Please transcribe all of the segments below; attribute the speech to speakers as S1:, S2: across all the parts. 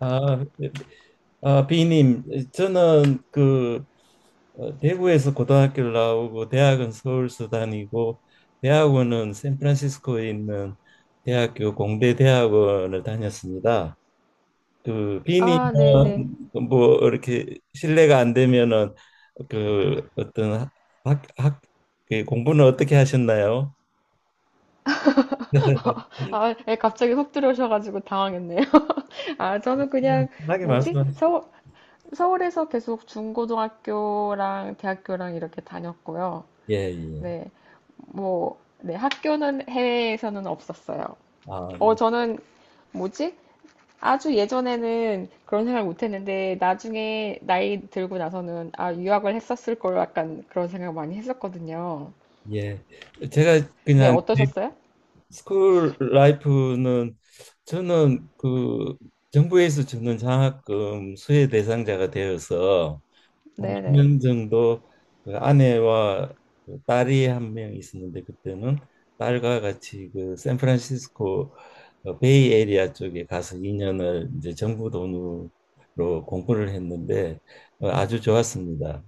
S1: 아, 비님, 저는 그 대구에서 고등학교를 나오고 대학은 서울서 다니고, 대학원은 샌프란시스코에 있는 대학교 공대 대학원을 다녔습니다. 그 비님은
S2: 아, 네네.
S1: 뭐 이렇게 실례가 안 되면은 그 어떤 학, 학, 그 공부는 어떻게 하셨나요?
S2: 아, 예, 갑자기 훅 들어오셔가지고 당황했네요. 아, 저는 그냥,
S1: 편하게
S2: 뭐지?
S1: 말씀하세요.
S2: 서울, 서울에서 계속 중고등학교랑 대학교랑 이렇게 다녔고요.
S1: 예, 예.
S2: 네, 뭐, 네, 학교는 해외에서는 없었어요.
S1: 아,
S2: 어,
S1: 네.
S2: 저는, 뭐지? 아주 예전에는 그런 생각 못 했는데, 나중에 나이 들고 나서는, 아, 유학을 했었을 걸 약간 그런 생각 많이 했었거든요.
S1: 예. 제가
S2: 네,
S1: 그냥
S2: 어떠셨어요?
S1: 스쿨 라이프는, 저는 그 정부에서 주는 장학금 수혜 대상자가 되어서 한
S2: 네네.
S1: 2년 정도 그 아내와 그 딸이 한 명 있었는데, 그때는 딸과 같이 그 샌프란시스코 베이 에리아 쪽에 가서 2년을 이제 정부 돈으로 공부를 했는데, 아주 좋았습니다.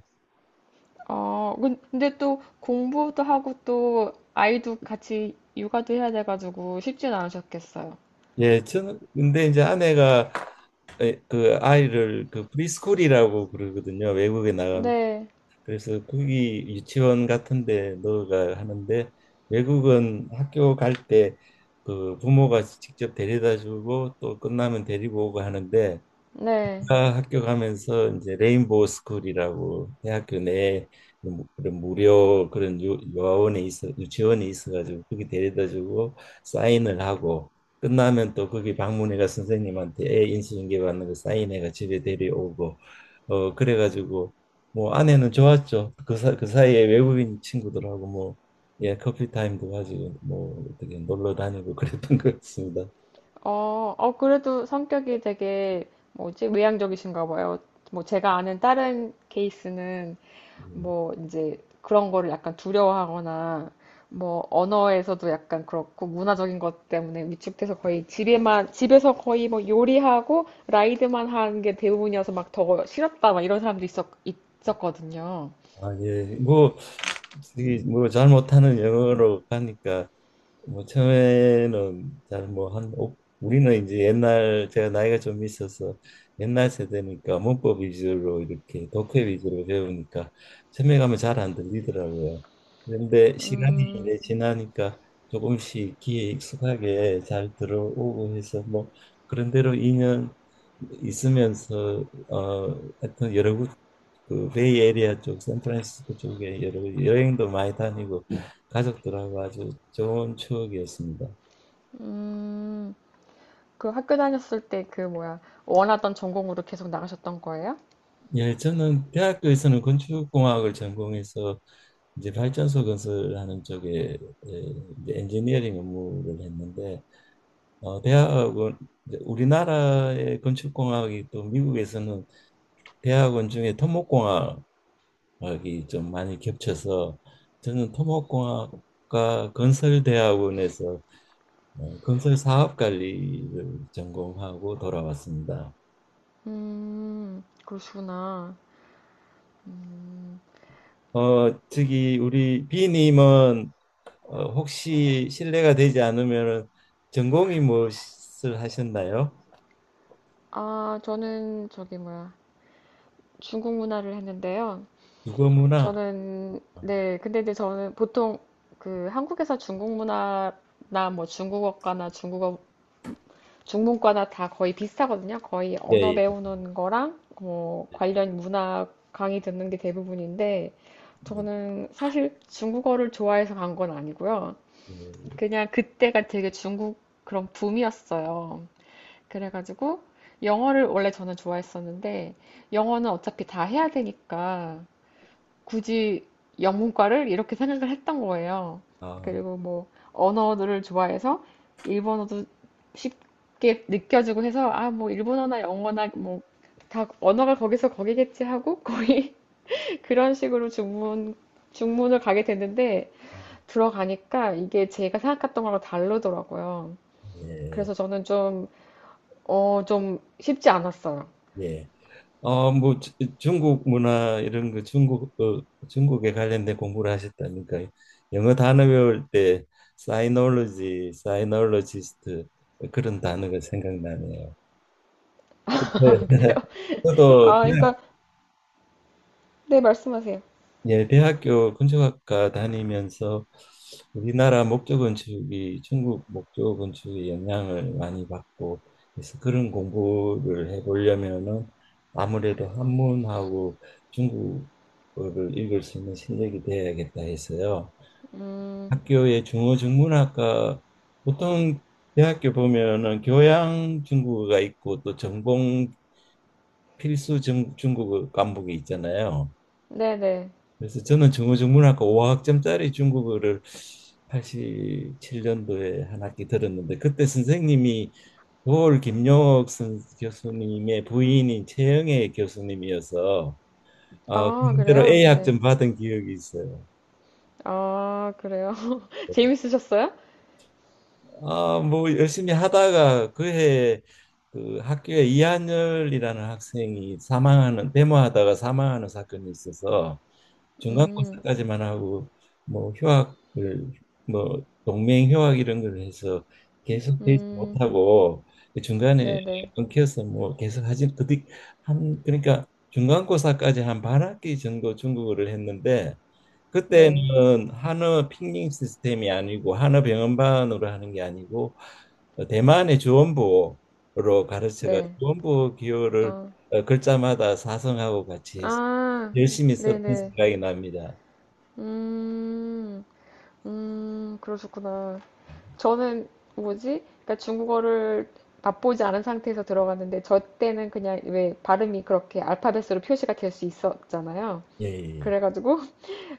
S2: 어, 근데 또 공부도 하고 또 아이도 같이 육아도 해야 돼가지고 쉽진 않으셨겠어요.
S1: 예, 저는 근데 이제 아내가, 그 아이를 그 프리스쿨이라고 그러거든요, 외국에 나간.
S2: 네,
S1: 그래서 거기 유치원 같은데 넣어가 하는데, 외국은 학교 갈,
S2: 네.
S1: 아, 학교 가면서 이제 레인보우 스쿨이라고 대학교 내에 뭐 그런 무료 그런 요아원에 있어 유치원에 있어가지고 거기 데려다주고 사인을 하고, 끝나면 또 거기 방문해가 선생님한테 애 인수인계 받는 거 사인해가 집에 데려오고, 그래가지고, 뭐 아내는 좋았죠. 그, 그 사이에 외국인 친구들하고 뭐, 예, 커피 타임도 가지고 뭐 어떻게 놀러 다니고 그랬던 것 같습니다.
S2: 어, 어, 그래도 성격이 되게 뭐지? 외향적이신가 봐요. 뭐 제가 아는 다른 케이스는
S1: 음.
S2: 뭐 이제 그런 거를 약간 두려워하거나 뭐 언어에서도 약간 그렇고 문화적인 것 때문에 위축돼서 거의 집에만 집에서 거의 뭐 요리하고 라이드만 하는 게 대부분이어서 막 더 싫었다 막 이런 사람도 있었거든요.
S1: 아, 예. 뭐, 이게 뭐, 잘 못하는 영어로 가니까, 뭐, 처음에는 잘 뭐, 한, 우리는 이제 옛날, 제가 나이가 좀 있어서 옛날 세대니까 문법 위주로 이렇게 독해 위주로 배우니까 처음에 가면 잘 안 들리더라고요. 그런데 시간이 이제 지나니까 조금씩 귀에 익숙하게 잘 들어오고 해서 뭐, 그런대로 2년 있으면서, 하여튼 여러 그 베이 에리아 쪽 샌프란시스코 쪽에 여러 여행도 많이 다니고 가족들하고 아주 좋은 추억이었습니다.
S2: 음, 그 학교 다녔을 때 그 뭐야 원하던 전공으로 계속 나가셨던 거예요?
S1: 예, 저는 대학교에서는 건축공학을 전공해서 이제 발전소 건설하는 쪽에, 예, 이제 엔지니어링 업무를 했는데, 대학원, 이제 우리나라의 건축공학이 또 미국에서는 대학원 중에 토목공학이 좀 많이 겹쳐서 저는 토목공학과 건설대학원에서 건설 사업 관리를 전공하고 돌아왔습니다.
S2: 그러시구나. 음,
S1: 저기, 우리 비님은 혹시 실례가 되지 않으면 전공이 무엇을 하셨나요?
S2: 아 저는 저기 뭐야 중국 문화를 했는데요.
S1: 국어문화.
S2: 저는 네 근데 이제 저는 보통 그 한국에서 중국 문화나 뭐 중국어과나 중국어 중문과나 다 거의 비슷하거든요. 거의
S1: 예,
S2: 언어
S1: 예,
S2: 배우는 거랑 뭐 관련 문화 강의 듣는 게 대부분인데
S1: 예,
S2: 저는 사실 중국어를 좋아해서 간 건 아니고요.
S1: 예.
S2: 그냥 그때가 되게 중국 그런 붐이었어요. 그래가지고 영어를 원래 저는 좋아했었는데 영어는 어차피 다 해야 되니까 굳이 영문과를 이렇게 생각을 했던 거예요.
S1: 아,
S2: 그리고 뭐 언어를 좋아해서 일본어도 쉽게 느껴지고 해서 아 뭐 일본어나 영어나 뭐 다 언어가 거기서 거기겠지 하고 거의 그런 식으로 중문을 가게 됐는데 들어가니까 이게 제가 생각했던 거랑 다르더라고요.
S1: 예,
S2: 그래서 저는 좀 어, 좀 쉽지 않았어요.
S1: 예. 뭐 중국 문화 이런 거, 중국 중국에 관련된 공부를 하셨다니까 영어 단어 배울 때 사이놀로지, 사이놀로지스트 그런 단어가 생각나네요. 네.
S2: 그래요?
S1: 저도
S2: 아, 그러니까 네 말씀하세요.
S1: 예, 대학교 건축학과 다니면서 우리나라 목조 건축이 중국 목조 건축의 영향을 많이 받고, 그래서 그런 공부를 해보려면은 아무래도 한문하고 중국어를 읽을 수 있는 실력이 돼야겠다 해서요.
S2: 음,
S1: 학교의 중어중문학과, 보통 대학교 보면은 교양 중국어가 있고 또 전공 필수 중국어 과목이 있잖아요.
S2: 네네.
S1: 그래서 저는 중어중문학과 5학점짜리 중국어를 87년도에 한 학기 들었는데, 그때 선생님이 도올 김용옥 교수님의 부인인 최영애 교수님이어서
S2: 아,
S1: 그대로
S2: 그래요?
S1: A
S2: 네.
S1: 학점 받은 기억이 있어요.
S2: 아, 그래요? 재밌으셨어요?
S1: 아, 뭐 열심히 하다가, 그해 그 학교에 이한열이라는 학생이 사망하는, 데모하다가 사망하는 사건이 있어서
S2: 음,
S1: 중간고사까지만 하고, 뭐 휴학을, 뭐 동맹 휴학 이런 걸 해서 계속 되지
S2: 음,
S1: 못하고 그 중간에
S2: 네네, 네,
S1: 끊겨서, 뭐 계속 하지, 그뒤 한, 그러니까 중간고사까지 한 반 학기 정도 중국어를 했는데,
S2: 네.
S1: 그때는 한어 핑링 시스템이 아니고, 한어 병음반으로 하는 게 아니고 대만의 주원부로 가르쳐가
S2: 네.
S1: 주원부 기호를,
S2: 어,
S1: 글자마다 사성하고 같이 해서
S2: 아,
S1: 열심히 썼던
S2: 네네.
S1: 생각이 납니다.
S2: 음, 그러셨구나. 저는 뭐지? 그러니까 중국어를 맛보지 않은 상태에서 들어갔는데, 저 때는 그냥 왜 발음이 그렇게 알파벳으로 표시가 될 수 있었잖아요.
S1: 예,
S2: 그래가지고,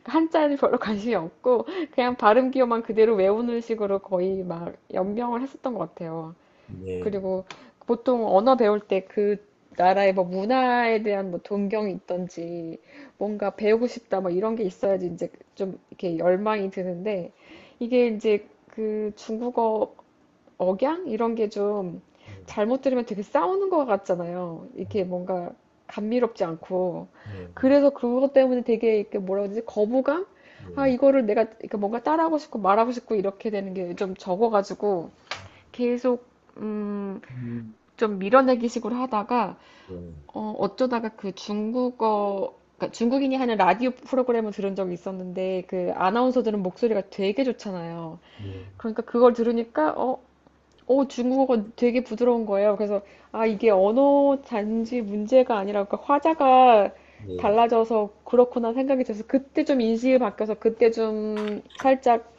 S2: 한자를 별로 관심이 없고 그냥 발음 기호만 그대로 외우는 식으로 거의 막 연명을 했었던 것 같아요.
S1: 예, 예,
S2: 그리고 보통 언어 배울 때 그 나라의 뭐 문화에 대한 뭐 동경이 있던지 뭔가 배우고 싶다 뭐 이런 게 있어야지 이제 좀 이렇게 열망이 드는데 이게 이제 그 중국어 억양 이런 게 좀
S1: 네,
S2: 잘못 들으면 되게 싸우는 것 같잖아요. 이게 뭔가 감미롭지 않고
S1: 예,
S2: 그래서 그것 때문에 되게 이렇게 뭐라 그러지 거부감? 아
S1: 예,
S2: 이거를 내가 이렇게 뭔가 따라하고 싶고 말하고 싶고 이렇게 되는 게 좀 적어가지고
S1: 예.
S2: 계속 음,
S1: 음,
S2: 좀 밀어내기식으로 하다가
S1: 예,
S2: 어, 어쩌다가 그 중국어 그러니까 중국인이 하는 라디오 프로그램을 들은 적이 있었는데 그 아나운서들은 목소리가 되게 좋잖아요.
S1: 예,
S2: 그러니까 그걸 들으니까 어 어, 중국어가 되게 부드러운 거예요. 그래서, 아, 이게 언어 단지 문제가 아니라, 그 화자가
S1: 예.
S2: 달라져서 그렇구나 생각이 들어서, 그때 좀 인식이 바뀌어서, 그때 좀 살짝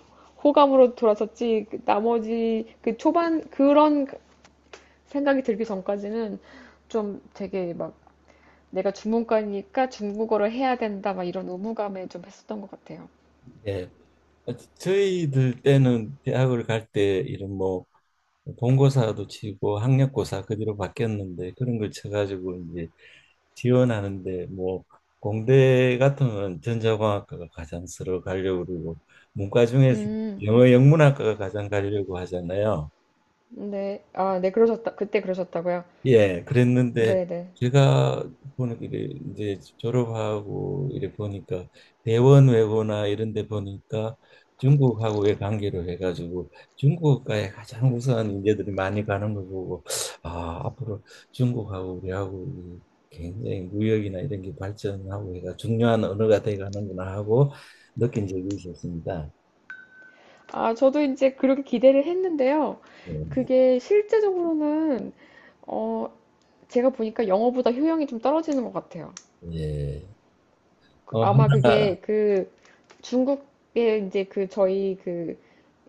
S2: 호감으로 돌아섰지, 그 나머지, 그 초반, 그런 생각이 들기 전까지는 좀 되게 막, 내가 중문과니까 중국어를 해야 된다, 막 이런 의무감에 좀 했었던 것 같아요.
S1: 예. 저희들 때는 대학을 갈 때 이런 뭐 본고사도 치고, 학력고사 그 뒤로 바뀌었는데, 그런 걸 쳐가지고 이제 지원하는데, 뭐 공대 같으면 전자공학과가 가장 서로 가려고 그러고, 문과 중에서
S2: 음,
S1: 영어 영문학과가 가장 가려고 하잖아요.
S2: 네. 아, 네, 그러셨다. 그때 그러셨다고요?
S1: 예, 그랬는데
S2: 네네.
S1: 제가 보는 게, 이제 졸업하고 이래 보니까 대원 외고나 이런 데 보니까 중국하고의 관계로 해가지고 중국과의 가장 우수한 인재들이 많이 가는 걸 보고, 아 앞으로 중국하고 우리하고 이 굉장히 무역이나 이런 게 발전하고 해가 중요한 언어가 돼가는구나 하고 느낀 적이 있었습니다.
S2: 아, 저도 이제 그렇게 기대를 했는데요. 그게 실제적으로는, 어, 제가 보니까 영어보다 효용이 좀 떨어지는 것 같아요.
S1: 예,
S2: 그- 아마
S1: 하나.
S2: 그게 그 중국의 이제 그 저희 그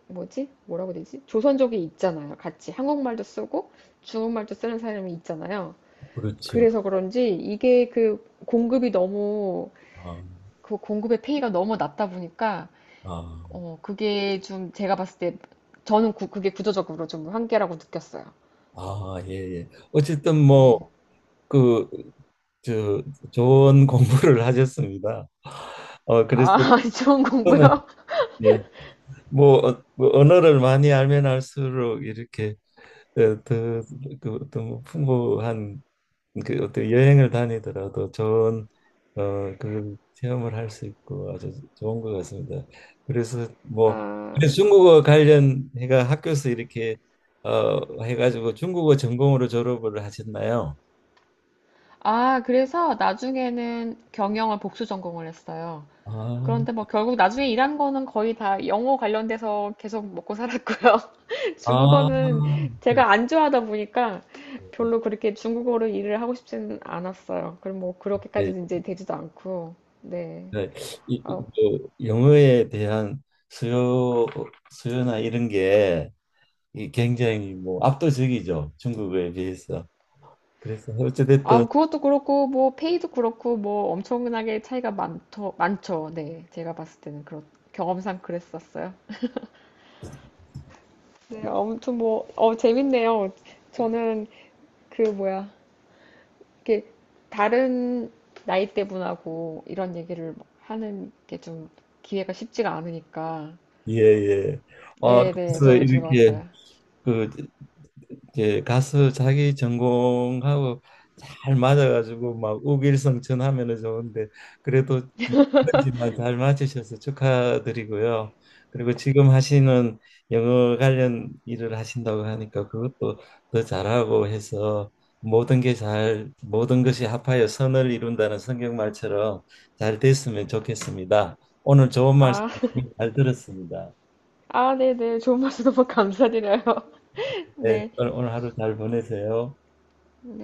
S2: 뭐지? 뭐라고 해야 되지? 조선족이 있잖아요. 같이 한국말도 쓰고 중국말도 쓰는 사람이 있잖아요.
S1: 그렇죠.
S2: 그래서 그런지 이게 그 공급이 너무
S1: 어,
S2: 그 공급의 페이가 너무 낮다 보니까
S1: 어.
S2: 어, 그게 좀 제가 봤을 때 저는 그게 구조적으로 좀 한계라고 느꼈어요.
S1: 아, 예, 예. 어쨌든 뭐,
S2: 네.
S1: 그, 저, 좋은 공부를 하셨습니다. 그래서
S2: 아, 좋은
S1: 저는,
S2: 공부요?
S1: 예, 뭐, 뭐 언어를 많이 알면 알수록 이렇게 더그 어떤 뭐 풍부한 그 어떤 여행을 다니더라도 좋은 어그 체험을 할 수 있고 아주 좋은 것 같습니다. 그래서 뭐,
S2: 아,
S1: 그래서 중국어 관련 해가 학교에서 이렇게 해가지고 중국어 전공으로 졸업을 하셨나요?
S2: 아, 그래서 나중에는 경영을 복수 전공을 했어요.
S1: 아,
S2: 그런데 뭐 결국 나중에 일한 거는 거의 다 영어 관련돼서 계속 먹고 살았고요.
S1: 아,
S2: 중국어는
S1: 네,
S2: 제가 안 좋아하다 보니까 별로 그렇게 중국어로 일을 하고 싶지는 않았어요. 그럼 뭐
S1: 네,
S2: 그렇게까지 이제 되지도 않고, 네.
S1: 네. 이, 이,
S2: 아,
S1: 그 영어에 대한 수요 수요나 이런 게 이 굉장히 뭐 압도적이죠, 중국어에 비해서. 그래서
S2: 아,
S1: 어찌됐든
S2: 그것도 그렇고, 뭐, 페이도 그렇고, 뭐, 엄청나게 차이가 많더, 많죠. 네. 제가 봤을 때는 그렇, 경험상 그랬었어요. 네, 아무튼 뭐, 어, 재밌네요. 저는 그 뭐야, 이렇게 다른 나이대 분하고 이런 얘기를 하는 게 좀 기회가 쉽지가 않으니까.
S1: 예예. 아
S2: 네네,
S1: 그래서
S2: 저는
S1: 이렇게
S2: 즐거웠어요.
S1: 그 이제 가서 자기 전공하고 잘 맞아가지고 막 우길성천하면은 좋은데, 그래도 힘들지만 잘 맞으셔서 축하드리고요. 그리고 지금 하시는 영어 관련 일을 하신다고 하니까 그것도 더 잘하고 해서 모든 게 잘, 모든 것이 합하여 선을 이룬다는 성경 말처럼 잘 됐으면 좋겠습니다. 오늘 좋은 말씀
S2: 아,
S1: 잘 들었습니다.
S2: 아, 네네, 좋은 말씀 너무 감사드려요.
S1: 네,
S2: 네.
S1: 오늘 하루 잘 보내세요.